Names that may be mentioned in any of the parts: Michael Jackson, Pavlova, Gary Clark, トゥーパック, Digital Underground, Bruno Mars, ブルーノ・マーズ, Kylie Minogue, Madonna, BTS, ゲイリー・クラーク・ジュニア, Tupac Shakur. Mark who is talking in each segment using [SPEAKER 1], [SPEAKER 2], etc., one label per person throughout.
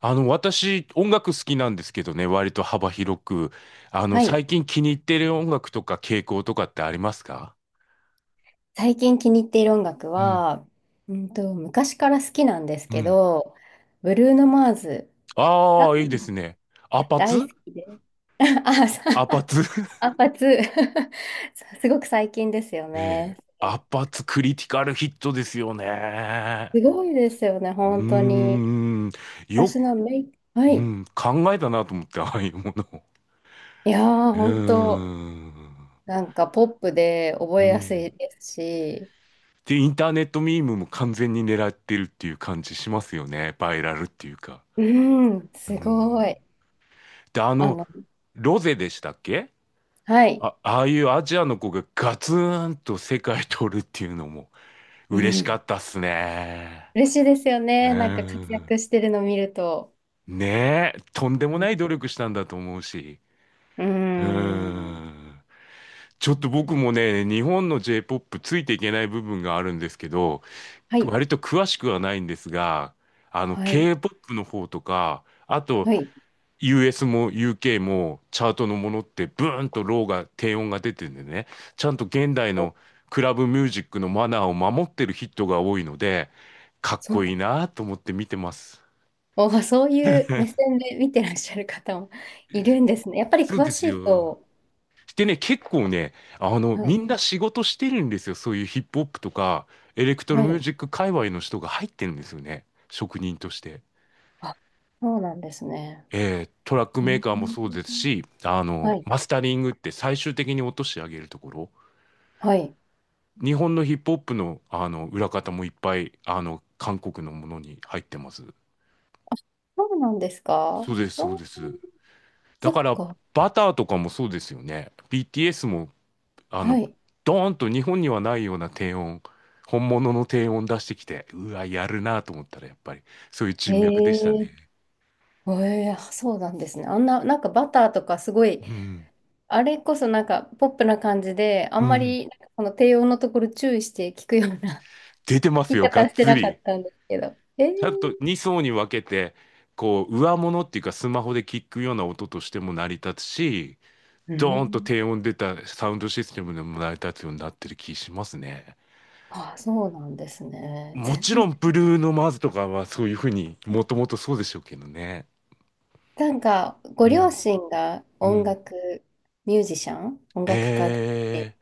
[SPEAKER 1] 私、音楽好きなんですけどね、割と幅広く。
[SPEAKER 2] はい。
[SPEAKER 1] 最近気に入ってる音楽とか傾向とかってありますか？
[SPEAKER 2] 最近気に入っている音楽
[SPEAKER 1] うん、
[SPEAKER 2] は、昔から好きなんです
[SPEAKER 1] う
[SPEAKER 2] け
[SPEAKER 1] ん。
[SPEAKER 2] ど、ブルーノ・マーズ
[SPEAKER 1] ああー、いいですね。アパ
[SPEAKER 2] 大好
[SPEAKER 1] ツ
[SPEAKER 2] きで。あ、
[SPEAKER 1] アパツ
[SPEAKER 2] アンパツ すごく最近ですよ
[SPEAKER 1] ねえ、
[SPEAKER 2] ね。
[SPEAKER 1] アパツクリティカルヒットですよね。
[SPEAKER 2] すごいですよね、
[SPEAKER 1] う
[SPEAKER 2] 本当に。
[SPEAKER 1] ーん、よ、
[SPEAKER 2] 私のメイ、は
[SPEAKER 1] う
[SPEAKER 2] い。
[SPEAKER 1] ん、考えたなと思って、ああいうものを。
[SPEAKER 2] いやー、
[SPEAKER 1] う
[SPEAKER 2] 本
[SPEAKER 1] ー
[SPEAKER 2] 当、
[SPEAKER 1] ん、
[SPEAKER 2] なんかポップで覚
[SPEAKER 1] う
[SPEAKER 2] えやすい
[SPEAKER 1] ん。
[SPEAKER 2] ですし、
[SPEAKER 1] で、インターネットミームも完全に狙ってるっていう感じしますよね。バイラルっていうか。
[SPEAKER 2] うん、
[SPEAKER 1] う
[SPEAKER 2] す
[SPEAKER 1] ん。
[SPEAKER 2] ごい。
[SPEAKER 1] で、
[SPEAKER 2] あの、
[SPEAKER 1] ロゼでしたっけ？
[SPEAKER 2] はい。
[SPEAKER 1] あ、ああいうアジアの子がガツンと世界取るっていうのも
[SPEAKER 2] う
[SPEAKER 1] 嬉しか
[SPEAKER 2] ん、
[SPEAKER 1] ったっすね。
[SPEAKER 2] 嬉しいですよ
[SPEAKER 1] う
[SPEAKER 2] ね、なんか活
[SPEAKER 1] ん。
[SPEAKER 2] 躍してるの見ると。
[SPEAKER 1] ねえ、とんでもない
[SPEAKER 2] う
[SPEAKER 1] 努力したんだと思うし。
[SPEAKER 2] ー
[SPEAKER 1] う
[SPEAKER 2] ん。
[SPEAKER 1] ん。ちょ
[SPEAKER 2] う
[SPEAKER 1] っと
[SPEAKER 2] ん、
[SPEAKER 1] 僕もね、日本の J-POP ついていけない部分があるんですけど、
[SPEAKER 2] はい、
[SPEAKER 1] 割と詳しくはないんですが、
[SPEAKER 2] はい、
[SPEAKER 1] K-POP の方とか、あと、
[SPEAKER 2] はい。
[SPEAKER 1] US も UK もチャートのものってブーンとローが低音が出てるんでね、ちゃんと現代
[SPEAKER 2] お、
[SPEAKER 1] のクラブミュージックのマナーを守ってるヒットが多いので、かっ
[SPEAKER 2] そう
[SPEAKER 1] こ
[SPEAKER 2] な
[SPEAKER 1] いい
[SPEAKER 2] の。
[SPEAKER 1] なと思って見てます。
[SPEAKER 2] お、そういう目線で見てらっしゃる方もいるんですね。やっぱり
[SPEAKER 1] そう
[SPEAKER 2] 詳
[SPEAKER 1] で
[SPEAKER 2] し
[SPEAKER 1] す
[SPEAKER 2] い
[SPEAKER 1] よ。
[SPEAKER 2] と。
[SPEAKER 1] でね、結構ね、
[SPEAKER 2] は
[SPEAKER 1] み
[SPEAKER 2] い、
[SPEAKER 1] んな仕事してるんですよ。そういうヒップホップとか、エレクト
[SPEAKER 2] は
[SPEAKER 1] ロミュー
[SPEAKER 2] い。
[SPEAKER 1] ジック界隈の人が入ってるんですよね。職人として。
[SPEAKER 2] あ、そうなんですね。
[SPEAKER 1] トラック
[SPEAKER 2] う
[SPEAKER 1] メー
[SPEAKER 2] ん、
[SPEAKER 1] カーもそうですし、
[SPEAKER 2] はい、
[SPEAKER 1] マスタリングって最終的に落としてあげるところ。
[SPEAKER 2] はい。
[SPEAKER 1] 日本のヒップホップの、あの裏方もいっぱいあの韓国のものに入ってます。
[SPEAKER 2] そうなんですか、
[SPEAKER 1] そうです、そう
[SPEAKER 2] お、
[SPEAKER 1] です。だ
[SPEAKER 2] そっ
[SPEAKER 1] から
[SPEAKER 2] か。
[SPEAKER 1] バターとかもそうですよね。BTS もあ
[SPEAKER 2] は
[SPEAKER 1] の
[SPEAKER 2] い。
[SPEAKER 1] ドーンと日本にはないような低音、本物の低音出してきて、うわ、やるなと思ったらやっぱりそういう
[SPEAKER 2] え
[SPEAKER 1] 人脈でしたね。
[SPEAKER 2] えええ、そうなんですね。あんな、なんかバターとかすごい、
[SPEAKER 1] うん、
[SPEAKER 2] あれこそなんかポップな感じで、あ
[SPEAKER 1] う
[SPEAKER 2] んま
[SPEAKER 1] ん。
[SPEAKER 2] りなんかこの低音のところ注意して聞くような
[SPEAKER 1] 出てま
[SPEAKER 2] 聞
[SPEAKER 1] す
[SPEAKER 2] き
[SPEAKER 1] よ、が
[SPEAKER 2] 方
[SPEAKER 1] っ
[SPEAKER 2] して
[SPEAKER 1] つ
[SPEAKER 2] なか
[SPEAKER 1] り。
[SPEAKER 2] ったんですけど。えー、
[SPEAKER 1] ちゃんと2層に分けて、こう、上物っていうかスマホで聞くような音としても成り立つし、
[SPEAKER 2] う
[SPEAKER 1] ドーンと
[SPEAKER 2] ん。
[SPEAKER 1] 低音出たサウンドシステムでも成り立つようになってる気しますね。
[SPEAKER 2] あ、そうなんですね。
[SPEAKER 1] も
[SPEAKER 2] 全
[SPEAKER 1] ち
[SPEAKER 2] 然。
[SPEAKER 1] ろん、ブルーノ・マーズとかはそういうふうにもともとそうでしょうけどね。
[SPEAKER 2] なんか、ご
[SPEAKER 1] う
[SPEAKER 2] 両
[SPEAKER 1] ん、
[SPEAKER 2] 親が
[SPEAKER 1] う
[SPEAKER 2] 音
[SPEAKER 1] ん。
[SPEAKER 2] 楽ミュージシャン、音楽家で、
[SPEAKER 1] え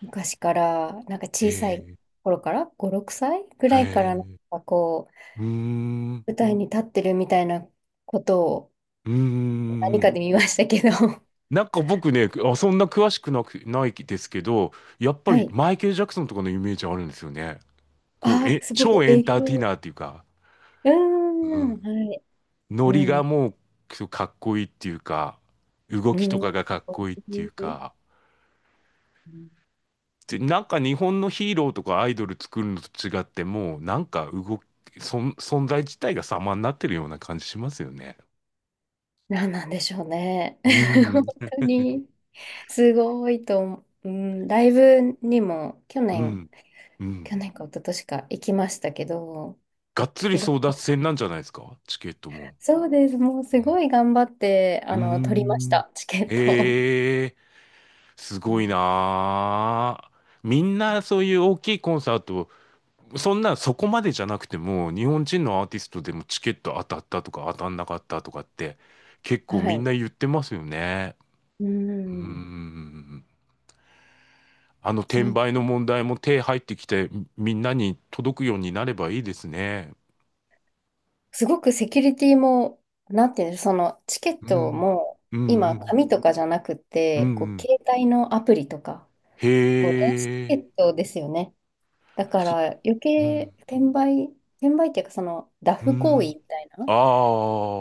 [SPEAKER 2] 昔から、なんか小さ
[SPEAKER 1] ー、
[SPEAKER 2] い
[SPEAKER 1] え
[SPEAKER 2] 頃から、5、6歳ぐ
[SPEAKER 1] ー、
[SPEAKER 2] らいか
[SPEAKER 1] え
[SPEAKER 2] ら、なん
[SPEAKER 1] ー、
[SPEAKER 2] かこう、
[SPEAKER 1] うーん、う
[SPEAKER 2] 舞台に立ってるみたいなことを
[SPEAKER 1] ー
[SPEAKER 2] 何か
[SPEAKER 1] ん。
[SPEAKER 2] で見ましたけど。
[SPEAKER 1] なんか僕ね、あ、そんな詳しくなく、ないですけど、やっぱ
[SPEAKER 2] は
[SPEAKER 1] り
[SPEAKER 2] い。
[SPEAKER 1] マイケル・ジャクソンとかのイメージあるんですよね。こう、
[SPEAKER 2] ああ、すごく
[SPEAKER 1] 超エン
[SPEAKER 2] 影
[SPEAKER 1] ターテイ
[SPEAKER 2] 響。
[SPEAKER 1] ナーっていうか。
[SPEAKER 2] うー
[SPEAKER 1] うん。
[SPEAKER 2] ん、はい。う
[SPEAKER 1] ノリが
[SPEAKER 2] ん、
[SPEAKER 1] もうかっこいいっていうか、動
[SPEAKER 2] う
[SPEAKER 1] きと
[SPEAKER 2] ん、か
[SPEAKER 1] かがかっ
[SPEAKER 2] っこ
[SPEAKER 1] こいいっていう
[SPEAKER 2] いい。
[SPEAKER 1] か、
[SPEAKER 2] うん、
[SPEAKER 1] で、なんか日本のヒーローとかアイドル作るのと違って、もうなんか動き、存在自体が様になってるような感じしますよね。
[SPEAKER 2] なんなんでしょうね。
[SPEAKER 1] う ん。
[SPEAKER 2] 本当に、すごいと思う。うん、ライブにも去
[SPEAKER 1] う
[SPEAKER 2] 年、
[SPEAKER 1] ん、う
[SPEAKER 2] 去
[SPEAKER 1] ん。
[SPEAKER 2] 年か一昨年か行きましたけど、
[SPEAKER 1] がっつり
[SPEAKER 2] すご
[SPEAKER 1] 争
[SPEAKER 2] く、
[SPEAKER 1] 奪戦なんじゃないですか、チケットも？
[SPEAKER 2] そうです。もう
[SPEAKER 1] う
[SPEAKER 2] すご
[SPEAKER 1] ん。
[SPEAKER 2] い頑張って、
[SPEAKER 1] う
[SPEAKER 2] あ
[SPEAKER 1] ー
[SPEAKER 2] の、取りまし
[SPEAKER 1] ん。
[SPEAKER 2] た、チケットを。
[SPEAKER 1] へえ、す
[SPEAKER 2] う
[SPEAKER 1] ご
[SPEAKER 2] ん、
[SPEAKER 1] いなあ。みんなそういう大きいコンサートそんなそこまでじゃなくても、日本人のアーティストでもチケット当たったとか当たんなかったとかって結構
[SPEAKER 2] は
[SPEAKER 1] みん
[SPEAKER 2] い。
[SPEAKER 1] な言ってますよね。
[SPEAKER 2] う
[SPEAKER 1] うー
[SPEAKER 2] ん。
[SPEAKER 1] ん。あの転
[SPEAKER 2] そう。
[SPEAKER 1] 売の問題も手入ってきてみんなに届くようになればいいですね。
[SPEAKER 2] すごくセキュリティも、なんていうの、そのチケッ
[SPEAKER 1] う
[SPEAKER 2] ト
[SPEAKER 1] ん。
[SPEAKER 2] も、
[SPEAKER 1] うんう
[SPEAKER 2] 今、
[SPEAKER 1] ん。
[SPEAKER 2] 紙とかじゃなく
[SPEAKER 1] うん
[SPEAKER 2] て、
[SPEAKER 1] う
[SPEAKER 2] こう、
[SPEAKER 1] ん。
[SPEAKER 2] 携帯のアプリとか、こう、電子チケ
[SPEAKER 1] へ
[SPEAKER 2] ッ
[SPEAKER 1] え。
[SPEAKER 2] トですよね。だか
[SPEAKER 1] そ、
[SPEAKER 2] ら余
[SPEAKER 1] うん。
[SPEAKER 2] 計転売、転売っていうかそのダ
[SPEAKER 1] う
[SPEAKER 2] フ行為
[SPEAKER 1] ん。
[SPEAKER 2] みたいな、
[SPEAKER 1] あ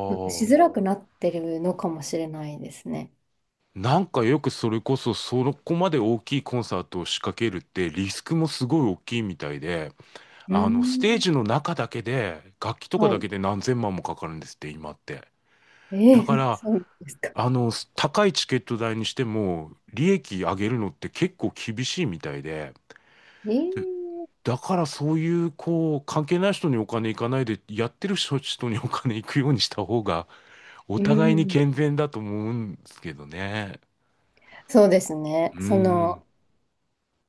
[SPEAKER 2] なんかしづ
[SPEAKER 1] あ。
[SPEAKER 2] らくなってるのかもしれないですね。
[SPEAKER 1] なんかよくそれこそそこまで大きいコンサートを仕掛けるってリスクもすごい大きいみたいで。
[SPEAKER 2] うー
[SPEAKER 1] ステージ
[SPEAKER 2] ん。
[SPEAKER 1] の中だけで、楽器とか
[SPEAKER 2] は
[SPEAKER 1] だけ
[SPEAKER 2] い。
[SPEAKER 1] で何千万もかかるんですって、今って。
[SPEAKER 2] え
[SPEAKER 1] だか
[SPEAKER 2] え、
[SPEAKER 1] ら、
[SPEAKER 2] そうなんですか。
[SPEAKER 1] 高いチケット代にしても、利益上げるのって結構厳しいみたいで、
[SPEAKER 2] ええ、
[SPEAKER 1] で、だからそういう、こう、関係ない人にお金いかないで、やってる人にお金いくようにした方が、お
[SPEAKER 2] う
[SPEAKER 1] 互いに
[SPEAKER 2] ん。
[SPEAKER 1] 健全だと思うんですけどね。
[SPEAKER 2] そうです
[SPEAKER 1] う
[SPEAKER 2] ね。
[SPEAKER 1] ー
[SPEAKER 2] そ
[SPEAKER 1] ん、
[SPEAKER 2] の、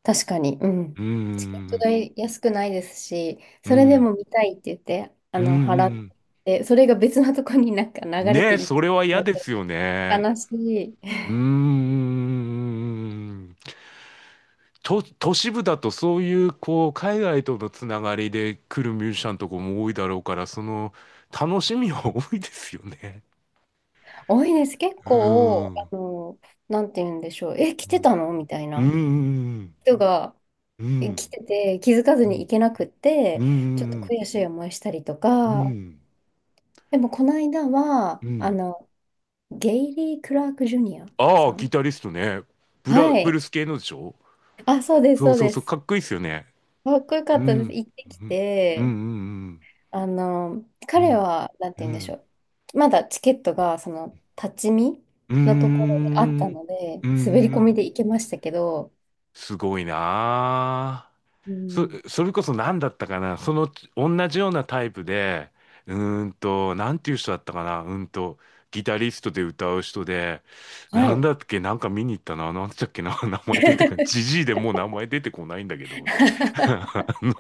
[SPEAKER 2] 確かに、う
[SPEAKER 1] う
[SPEAKER 2] ん。
[SPEAKER 1] ー
[SPEAKER 2] チケット
[SPEAKER 1] ん、
[SPEAKER 2] 代安くないですし、
[SPEAKER 1] うー
[SPEAKER 2] それで
[SPEAKER 1] ん、
[SPEAKER 2] も見たいって言って、あ
[SPEAKER 1] うー
[SPEAKER 2] の、払っ
[SPEAKER 1] ん。
[SPEAKER 2] て、それが別のとこになんか流れ
[SPEAKER 1] ね
[SPEAKER 2] て
[SPEAKER 1] え、
[SPEAKER 2] いっ
[SPEAKER 1] そ
[SPEAKER 2] ちゃ
[SPEAKER 1] れは嫌ですよ
[SPEAKER 2] う。
[SPEAKER 1] ね。
[SPEAKER 2] 悲しい。
[SPEAKER 1] うーん。都市部だとそういうこう海外とのつながりで来るミュージシャンとかも多いだろうから、その楽しみは多いですよね。
[SPEAKER 2] 多いです。結
[SPEAKER 1] うー
[SPEAKER 2] 構、
[SPEAKER 1] ん。
[SPEAKER 2] あの、なんて言うんでしょう。え、来
[SPEAKER 1] う
[SPEAKER 2] て
[SPEAKER 1] ん。
[SPEAKER 2] たのみたい
[SPEAKER 1] う
[SPEAKER 2] な
[SPEAKER 1] ん。
[SPEAKER 2] 人が、
[SPEAKER 1] う
[SPEAKER 2] え、来
[SPEAKER 1] ん。
[SPEAKER 2] てて、気づかずに行け
[SPEAKER 1] う
[SPEAKER 2] なくって、ちょっと
[SPEAKER 1] ん。う
[SPEAKER 2] 悔しい思いしたりとか。
[SPEAKER 1] ん。
[SPEAKER 2] でも、この間は、
[SPEAKER 1] う
[SPEAKER 2] あ
[SPEAKER 1] ん。
[SPEAKER 2] の、ゲイリー・クラーク・ジュニア
[SPEAKER 1] あ
[SPEAKER 2] さ
[SPEAKER 1] あ、
[SPEAKER 2] ん、
[SPEAKER 1] ギタリストね。
[SPEAKER 2] は
[SPEAKER 1] ブル
[SPEAKER 2] い。
[SPEAKER 1] ース系のでしょ？
[SPEAKER 2] あ、そうです、
[SPEAKER 1] そう
[SPEAKER 2] そう
[SPEAKER 1] そう
[SPEAKER 2] で
[SPEAKER 1] そう、
[SPEAKER 2] す。
[SPEAKER 1] かっこいいですよね。
[SPEAKER 2] かっこよか
[SPEAKER 1] う
[SPEAKER 2] ったです。
[SPEAKER 1] ん。
[SPEAKER 2] 行ってき
[SPEAKER 1] うん。う
[SPEAKER 2] て、
[SPEAKER 1] ん。
[SPEAKER 2] あの、
[SPEAKER 1] う
[SPEAKER 2] 彼
[SPEAKER 1] ん。
[SPEAKER 2] は、なんて
[SPEAKER 1] うん。う
[SPEAKER 2] 言うんでし
[SPEAKER 1] ん。
[SPEAKER 2] ょう。まだチケットが、その、立ち見
[SPEAKER 1] う
[SPEAKER 2] のところであった
[SPEAKER 1] ん。
[SPEAKER 2] ので、
[SPEAKER 1] う
[SPEAKER 2] 滑り込
[SPEAKER 1] ん。
[SPEAKER 2] みで行けましたけど、
[SPEAKER 1] すごいなあ。
[SPEAKER 2] う
[SPEAKER 1] そ、
[SPEAKER 2] ん、
[SPEAKER 1] それこそ何だったかな、その同じようなタイプで、うなんていう人だったかな、ギタリストで歌う人で、
[SPEAKER 2] は
[SPEAKER 1] なん
[SPEAKER 2] い。
[SPEAKER 1] だっけ、なんか見に行ったな、なんつったっけな、名前出てこない。じじいでもう名前出てこないんだけど。あ の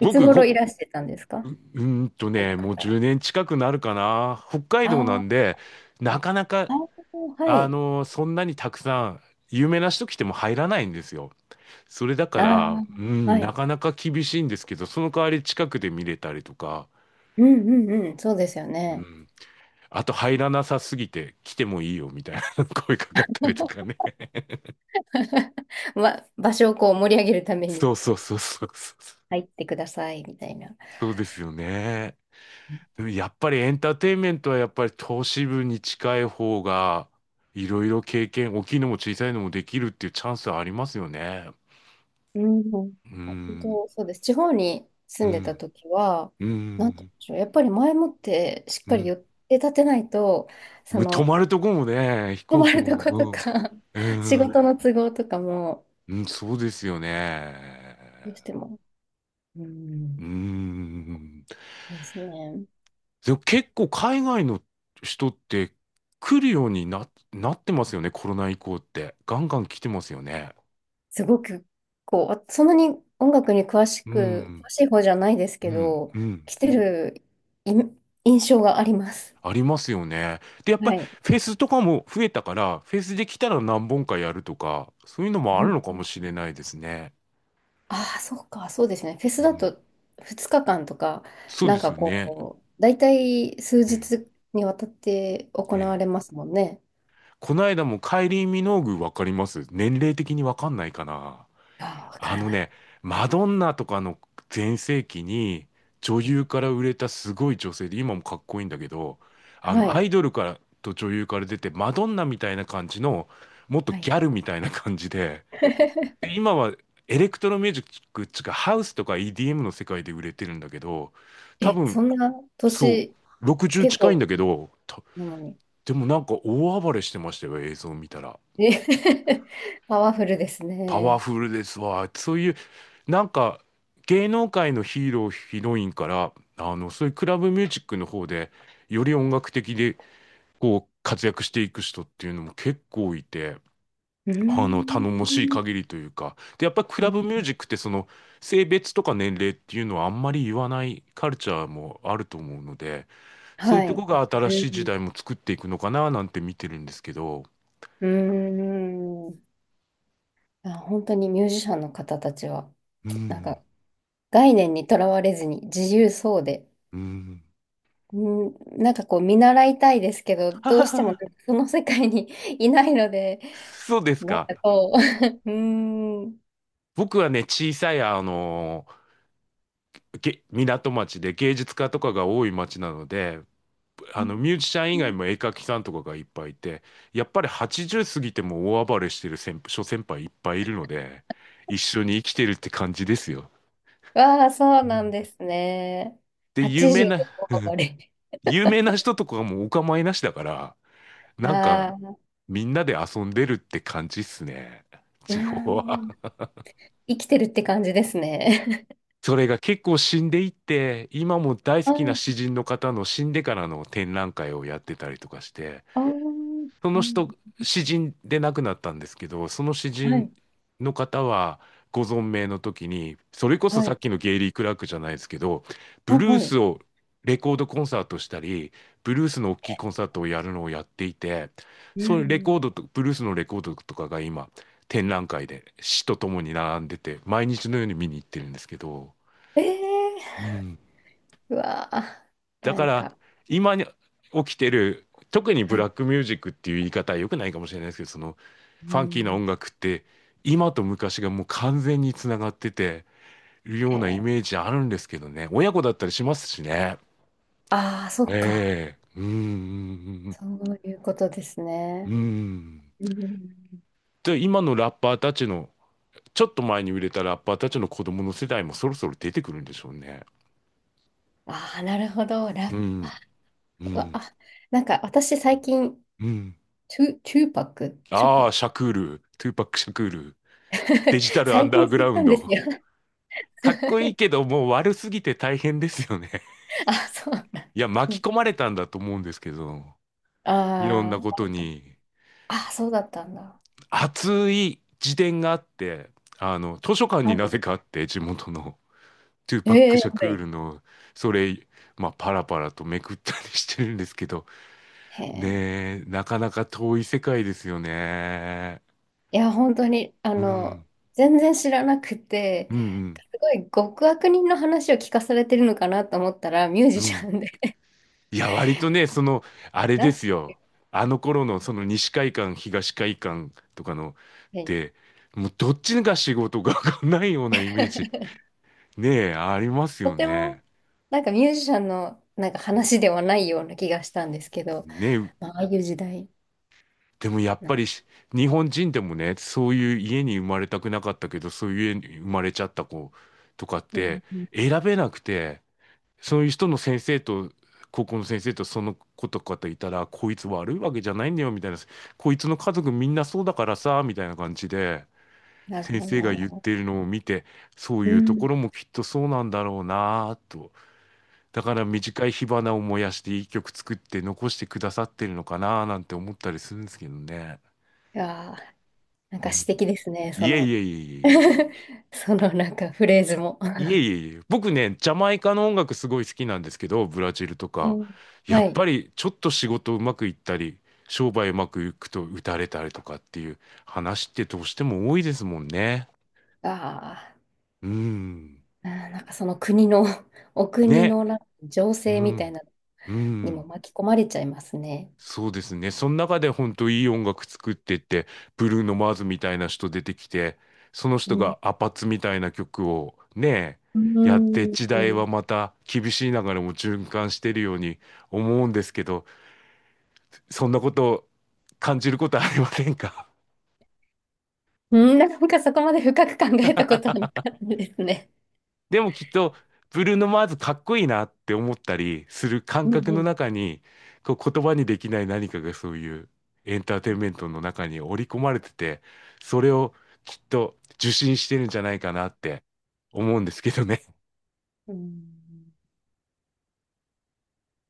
[SPEAKER 2] いつ
[SPEAKER 1] 僕、
[SPEAKER 2] 頃いらしてたんですか、その
[SPEAKER 1] もう
[SPEAKER 2] 方は。
[SPEAKER 1] 10年近くなるかな。北海
[SPEAKER 2] あ
[SPEAKER 1] 道な
[SPEAKER 2] ー、
[SPEAKER 1] んで、なかなか、
[SPEAKER 2] あー、はい。
[SPEAKER 1] そんなにたくさん、有名な人来ても入らないんですよ。それだか
[SPEAKER 2] あ
[SPEAKER 1] ら、う
[SPEAKER 2] あ、は
[SPEAKER 1] ん、な
[SPEAKER 2] い。
[SPEAKER 1] かなか厳しいんですけど、その代わり近くで見れたりとか、
[SPEAKER 2] うんうんうん、そうですよ
[SPEAKER 1] う
[SPEAKER 2] ね。
[SPEAKER 1] ん、あと入らなさすぎて来てもいいよみたいな 声かかったりとかね。
[SPEAKER 2] ま、場所をこう盛り上げるため
[SPEAKER 1] そ
[SPEAKER 2] に
[SPEAKER 1] うそうそうそうそう。
[SPEAKER 2] 入ってくださいみたいな。
[SPEAKER 1] そうですよね。でもやっぱりエンターテインメントはやっぱり投資部に近い方が、いろいろ経験、大きいのも小さいのもできるっていうチャンスはありますよね。
[SPEAKER 2] うん、本
[SPEAKER 1] うん、
[SPEAKER 2] 当そうです。地方に
[SPEAKER 1] う
[SPEAKER 2] 住んでた
[SPEAKER 1] ん、
[SPEAKER 2] 時は、
[SPEAKER 1] う
[SPEAKER 2] なんて言
[SPEAKER 1] ん、
[SPEAKER 2] うんでしょう、やっぱり前もってしっ
[SPEAKER 1] う
[SPEAKER 2] かり
[SPEAKER 1] ん。
[SPEAKER 2] 予定立てないと、そ
[SPEAKER 1] 泊
[SPEAKER 2] の、
[SPEAKER 1] まるとこもね、飛
[SPEAKER 2] 泊
[SPEAKER 1] 行
[SPEAKER 2] ま
[SPEAKER 1] 機
[SPEAKER 2] るとこと
[SPEAKER 1] も、
[SPEAKER 2] か、
[SPEAKER 1] う
[SPEAKER 2] 仕
[SPEAKER 1] ん、うん。
[SPEAKER 2] 事の都合とかも、
[SPEAKER 1] うん、そうですよ
[SPEAKER 2] どうし
[SPEAKER 1] ね。
[SPEAKER 2] ても、う
[SPEAKER 1] うー
[SPEAKER 2] ん、
[SPEAKER 1] ん。
[SPEAKER 2] ですね。
[SPEAKER 1] でも結構海外の人って来るようになってますよね、コロナ以降って。ガンガン来てますよね。
[SPEAKER 2] すごく、こう、あ、そんなに音楽に
[SPEAKER 1] うん、
[SPEAKER 2] 詳しい方じゃないですけ
[SPEAKER 1] うん、
[SPEAKER 2] ど、
[SPEAKER 1] うん。
[SPEAKER 2] 来てる印象があります。
[SPEAKER 1] ありますよね。で、やっぱ
[SPEAKER 2] は
[SPEAKER 1] り
[SPEAKER 2] い。
[SPEAKER 1] フェスとかも増えたから、フェスで来たら何本かやるとか、そういうの
[SPEAKER 2] う
[SPEAKER 1] もある
[SPEAKER 2] ん
[SPEAKER 1] のか
[SPEAKER 2] うん、
[SPEAKER 1] もしれないですね。
[SPEAKER 2] ああ、そうか、そうですね。フェ
[SPEAKER 1] う
[SPEAKER 2] スだ
[SPEAKER 1] ん、
[SPEAKER 2] と2日間とか、
[SPEAKER 1] そう
[SPEAKER 2] な
[SPEAKER 1] で
[SPEAKER 2] ん
[SPEAKER 1] す
[SPEAKER 2] か
[SPEAKER 1] よね。
[SPEAKER 2] こう、大体数
[SPEAKER 1] ええ、
[SPEAKER 2] 日にわたって行
[SPEAKER 1] え
[SPEAKER 2] われ
[SPEAKER 1] え。
[SPEAKER 2] ますもんね。
[SPEAKER 1] この間もカイリー・ミノーグわかります？年齢的にわかんないかな。
[SPEAKER 2] ああ、わか
[SPEAKER 1] あ
[SPEAKER 2] ら
[SPEAKER 1] の
[SPEAKER 2] ない。
[SPEAKER 1] ね、マドンナとかの全盛期に女優から売れたすごい女性で、今もかっこいいんだけど、
[SPEAKER 2] は
[SPEAKER 1] ア
[SPEAKER 2] い。
[SPEAKER 1] イドルからと女優から出て、マドンナみたいな感じの、もっと
[SPEAKER 2] は
[SPEAKER 1] ギ
[SPEAKER 2] い。
[SPEAKER 1] ャルみたいな感じで、で、今はエレクトロミュージックっつうか、ハウスとか EDM の世界で売れてるんだけど、多
[SPEAKER 2] え、
[SPEAKER 1] 分、
[SPEAKER 2] そんな
[SPEAKER 1] そ
[SPEAKER 2] 年、
[SPEAKER 1] う、60
[SPEAKER 2] 結
[SPEAKER 1] 近いんだ
[SPEAKER 2] 構
[SPEAKER 1] けど、
[SPEAKER 2] なのに。
[SPEAKER 1] でもなんか大暴れしてましたよ、映像見たら。
[SPEAKER 2] え パワフルです
[SPEAKER 1] パワ
[SPEAKER 2] ね。
[SPEAKER 1] フルですわ。そういう、なんか、芸能界のヒーロー、ヒロインから、そういうクラブミュージックの方で、より音楽的で、こう、活躍していく人っていうのも結構いて、
[SPEAKER 2] うー
[SPEAKER 1] 頼もしい
[SPEAKER 2] ん。
[SPEAKER 1] 限りというか。で、やっぱりクラブミュージックって、その、性別とか年齢っていうのはあんまり言わないカルチャーもあると思うので、そうい
[SPEAKER 2] は
[SPEAKER 1] うと
[SPEAKER 2] い。
[SPEAKER 1] こが新
[SPEAKER 2] う
[SPEAKER 1] しい時
[SPEAKER 2] ん。
[SPEAKER 1] 代も作っていくのかな、なんて見てるんですけど。
[SPEAKER 2] うーん。あ、本当にミュージシャンの方たちは、
[SPEAKER 1] う
[SPEAKER 2] なん
[SPEAKER 1] ん、
[SPEAKER 2] か概念にとらわれずに自由そうで、
[SPEAKER 1] うん。
[SPEAKER 2] うん、なんかこう見習いたいですけど、
[SPEAKER 1] は
[SPEAKER 2] ど
[SPEAKER 1] は
[SPEAKER 2] うし
[SPEAKER 1] は
[SPEAKER 2] てもなん
[SPEAKER 1] は。
[SPEAKER 2] かその世界に いないので、
[SPEAKER 1] そうです
[SPEAKER 2] なん
[SPEAKER 1] か。
[SPEAKER 2] かこう、うーん。
[SPEAKER 1] 僕はね、小さい、港町で芸術家とかが多い町なので、ミュージシャン以外も絵描きさんとかがいっぱいいて、やっぱり80過ぎても大暴れしてる先輩いっぱいいるので、一緒に生きてるって感じですよ。
[SPEAKER 2] わあ、そう
[SPEAKER 1] う
[SPEAKER 2] なん
[SPEAKER 1] ん。
[SPEAKER 2] ですね。
[SPEAKER 1] で、
[SPEAKER 2] 80で大暴れ。
[SPEAKER 1] 有名な人とかもお構いなしだから、なんか、
[SPEAKER 2] ああ、
[SPEAKER 1] みんなで遊んでるって感じっすね。
[SPEAKER 2] うー
[SPEAKER 1] 地方
[SPEAKER 2] ん。
[SPEAKER 1] は。
[SPEAKER 2] 生きてるって感じですね。
[SPEAKER 1] それが結構死んでいって、今も大 好
[SPEAKER 2] あ
[SPEAKER 1] きな
[SPEAKER 2] あ、
[SPEAKER 1] 詩人の方の死んでからの展覧会をやってたりとかして、
[SPEAKER 2] ああ、
[SPEAKER 1] そ
[SPEAKER 2] う
[SPEAKER 1] の人、
[SPEAKER 2] ん、
[SPEAKER 1] 詩人で亡くなったんですけど、その詩
[SPEAKER 2] は
[SPEAKER 1] 人
[SPEAKER 2] い。
[SPEAKER 1] の方はご存命の時に、それこそ
[SPEAKER 2] は
[SPEAKER 1] さ
[SPEAKER 2] い。
[SPEAKER 1] っきのゲイリー・クラークじゃないですけど、
[SPEAKER 2] あ、
[SPEAKER 1] ブル
[SPEAKER 2] は
[SPEAKER 1] ー
[SPEAKER 2] い。
[SPEAKER 1] スをレコードコンサートしたり、ブルースの大きいコンサートをやるのをやっていて、
[SPEAKER 2] う
[SPEAKER 1] そういうレ
[SPEAKER 2] ん。
[SPEAKER 1] コードと、ブルースのレコードとかが今、展覧会で詩とともに並んでて、毎日のように見に行ってるんですけど、
[SPEAKER 2] ええ
[SPEAKER 1] うん、
[SPEAKER 2] ー、うわー、
[SPEAKER 1] だ
[SPEAKER 2] な
[SPEAKER 1] か
[SPEAKER 2] ん
[SPEAKER 1] ら、
[SPEAKER 2] か、
[SPEAKER 1] 今に起きてる、特にブ
[SPEAKER 2] は
[SPEAKER 1] ラ
[SPEAKER 2] い。
[SPEAKER 1] ックミュージックっていう言い方は良くないかもしれないですけど、その、
[SPEAKER 2] う
[SPEAKER 1] ファンキーな
[SPEAKER 2] ん。
[SPEAKER 1] 音楽って、今と昔がもう完全につながってるよ
[SPEAKER 2] へ
[SPEAKER 1] うなイ
[SPEAKER 2] え、
[SPEAKER 1] メージあるんですけどね。親子だったりしますしね。
[SPEAKER 2] ああ、そっか。
[SPEAKER 1] ええうーん、
[SPEAKER 2] そういうことです
[SPEAKER 1] うー
[SPEAKER 2] ね。
[SPEAKER 1] ん。
[SPEAKER 2] うん。
[SPEAKER 1] で、今のラッパーたちの、ちょっと前に売れたラッパーたちの子供の世代もそろそろ出てくるんでしょうね。
[SPEAKER 2] ああ、なるほど。ラ
[SPEAKER 1] う
[SPEAKER 2] ッパ
[SPEAKER 1] ん、
[SPEAKER 2] ー。
[SPEAKER 1] う
[SPEAKER 2] うわ
[SPEAKER 1] ん、
[SPEAKER 2] あ、なんか私最近、
[SPEAKER 1] うん。
[SPEAKER 2] トゥーパック、トゥーパ
[SPEAKER 1] あ
[SPEAKER 2] ッ
[SPEAKER 1] あ、
[SPEAKER 2] ク。
[SPEAKER 1] シャクール、トゥーパック・シャクール、デジタ ルアン
[SPEAKER 2] 最
[SPEAKER 1] ダー
[SPEAKER 2] 近
[SPEAKER 1] グ
[SPEAKER 2] 知
[SPEAKER 1] ラ
[SPEAKER 2] っ
[SPEAKER 1] ウ
[SPEAKER 2] た
[SPEAKER 1] ン
[SPEAKER 2] んです
[SPEAKER 1] ド。
[SPEAKER 2] よ。
[SPEAKER 1] かっこいい けど、もう悪すぎて大変ですよね。
[SPEAKER 2] あ、そうなんで
[SPEAKER 1] いや、
[SPEAKER 2] す
[SPEAKER 1] 巻き
[SPEAKER 2] ね。
[SPEAKER 1] 込まれたんだと思うんですけど、いろん
[SPEAKER 2] あ
[SPEAKER 1] なことに。
[SPEAKER 2] あ、あ、そうだったんだ。
[SPEAKER 1] 熱い自伝があって、あの、図書館
[SPEAKER 2] は
[SPEAKER 1] にな
[SPEAKER 2] い。
[SPEAKER 1] ぜかあって、地元の、トゥーパッ
[SPEAKER 2] え
[SPEAKER 1] ク・
[SPEAKER 2] え、
[SPEAKER 1] シャク
[SPEAKER 2] は
[SPEAKER 1] ー
[SPEAKER 2] い。
[SPEAKER 1] ルの、それ、まあ、パラパラとめくったりしてるんですけど、
[SPEAKER 2] へえ。
[SPEAKER 1] ねえ、なかなか遠い世界ですよね。
[SPEAKER 2] いや、本当に、あ
[SPEAKER 1] うん、
[SPEAKER 2] の、全然知らなくて、
[SPEAKER 1] うん、うん、
[SPEAKER 2] すごい極悪人の話を聞かされてるのかなと思ったら、ミュージ
[SPEAKER 1] う
[SPEAKER 2] シ
[SPEAKER 1] ん。
[SPEAKER 2] ャンで。
[SPEAKER 1] いや、割とね、その、あ れ
[SPEAKER 2] な
[SPEAKER 1] で
[SPEAKER 2] んて
[SPEAKER 1] す
[SPEAKER 2] いう
[SPEAKER 1] よ。
[SPEAKER 2] かは、
[SPEAKER 1] あの頃の、その西海岸、東海岸とかの、
[SPEAKER 2] い、
[SPEAKER 1] てもうどっちが仕事が ないようなイメージ、ねえ、あります
[SPEAKER 2] と
[SPEAKER 1] よ
[SPEAKER 2] ても、
[SPEAKER 1] ね。
[SPEAKER 2] なんかミュージシャンのなんか話ではないような気がしたんですけど、
[SPEAKER 1] ねえ、
[SPEAKER 2] まあ、ああいう時代
[SPEAKER 1] でもやっ
[SPEAKER 2] な、
[SPEAKER 1] ぱりし、日本人でもね、そういう家に生まれたくなかったけど、そういう家に生まれちゃった子とかっ
[SPEAKER 2] う
[SPEAKER 1] て、
[SPEAKER 2] ん、うん、
[SPEAKER 1] 選べなくて、そういう人の先生と、高校の先生とその子とかといたら、こいつ悪いわけじゃないんだよ、みたいな。こいつの家族みんなそうだからさ、みたいな感じで、
[SPEAKER 2] なる
[SPEAKER 1] 先
[SPEAKER 2] ほ
[SPEAKER 1] 生が言っ
[SPEAKER 2] ど。
[SPEAKER 1] てるのを見て、そう
[SPEAKER 2] う
[SPEAKER 1] いうと
[SPEAKER 2] ん。
[SPEAKER 1] こ
[SPEAKER 2] い
[SPEAKER 1] ろもきっとそうなんだろうなぁと。だから短い火花を燃やして一曲作って残してくださってるのかなぁなんて思ったりするんですけどね。
[SPEAKER 2] やー、なん
[SPEAKER 1] う
[SPEAKER 2] か詩
[SPEAKER 1] ん。
[SPEAKER 2] 的ですね、そ
[SPEAKER 1] いえい
[SPEAKER 2] の。
[SPEAKER 1] えいえいえいえ。
[SPEAKER 2] そのなんかフレーズも。
[SPEAKER 1] いえいえいえ、僕ね、ジャマイカの音楽すごい好きなんですけど、ブラジルと
[SPEAKER 2] う
[SPEAKER 1] か、
[SPEAKER 2] ん、
[SPEAKER 1] や
[SPEAKER 2] は
[SPEAKER 1] っぱ
[SPEAKER 2] い。
[SPEAKER 1] りちょっと仕事うまくいったり、商売うまくいくと打たれたりとかっていう話ってどうしても多いですもんね。
[SPEAKER 2] ああ。
[SPEAKER 1] うん。
[SPEAKER 2] あー、なんかその国の、お国
[SPEAKER 1] ね。
[SPEAKER 2] のなんか情
[SPEAKER 1] う
[SPEAKER 2] 勢みた
[SPEAKER 1] ん。
[SPEAKER 2] いなの
[SPEAKER 1] う
[SPEAKER 2] にも
[SPEAKER 1] ん。
[SPEAKER 2] 巻き込まれちゃいますね。
[SPEAKER 1] そうですね。その中で本当いい音楽作ってって、ブルーノ・マーズみたいな人出てきて、その人
[SPEAKER 2] うん。
[SPEAKER 1] がアパッツみたいな曲をね、
[SPEAKER 2] う
[SPEAKER 1] やって
[SPEAKER 2] ん。
[SPEAKER 1] 時代はまた厳しい流れも循環してるように思うんですけど、そんなことを感じることはありませんか？
[SPEAKER 2] うん、なんかそこまで深く考えたことはなかったですね。
[SPEAKER 1] でもきっと、ブルーノ・マーズかっこいいなって思ったりする感
[SPEAKER 2] うん
[SPEAKER 1] 覚
[SPEAKER 2] う
[SPEAKER 1] の
[SPEAKER 2] ん。
[SPEAKER 1] 中に、こう言葉にできない何かがそういうエンターテインメントの中に織り込まれてて、それをきっと受信してるんじゃないかなって思うんですけどね。
[SPEAKER 2] うん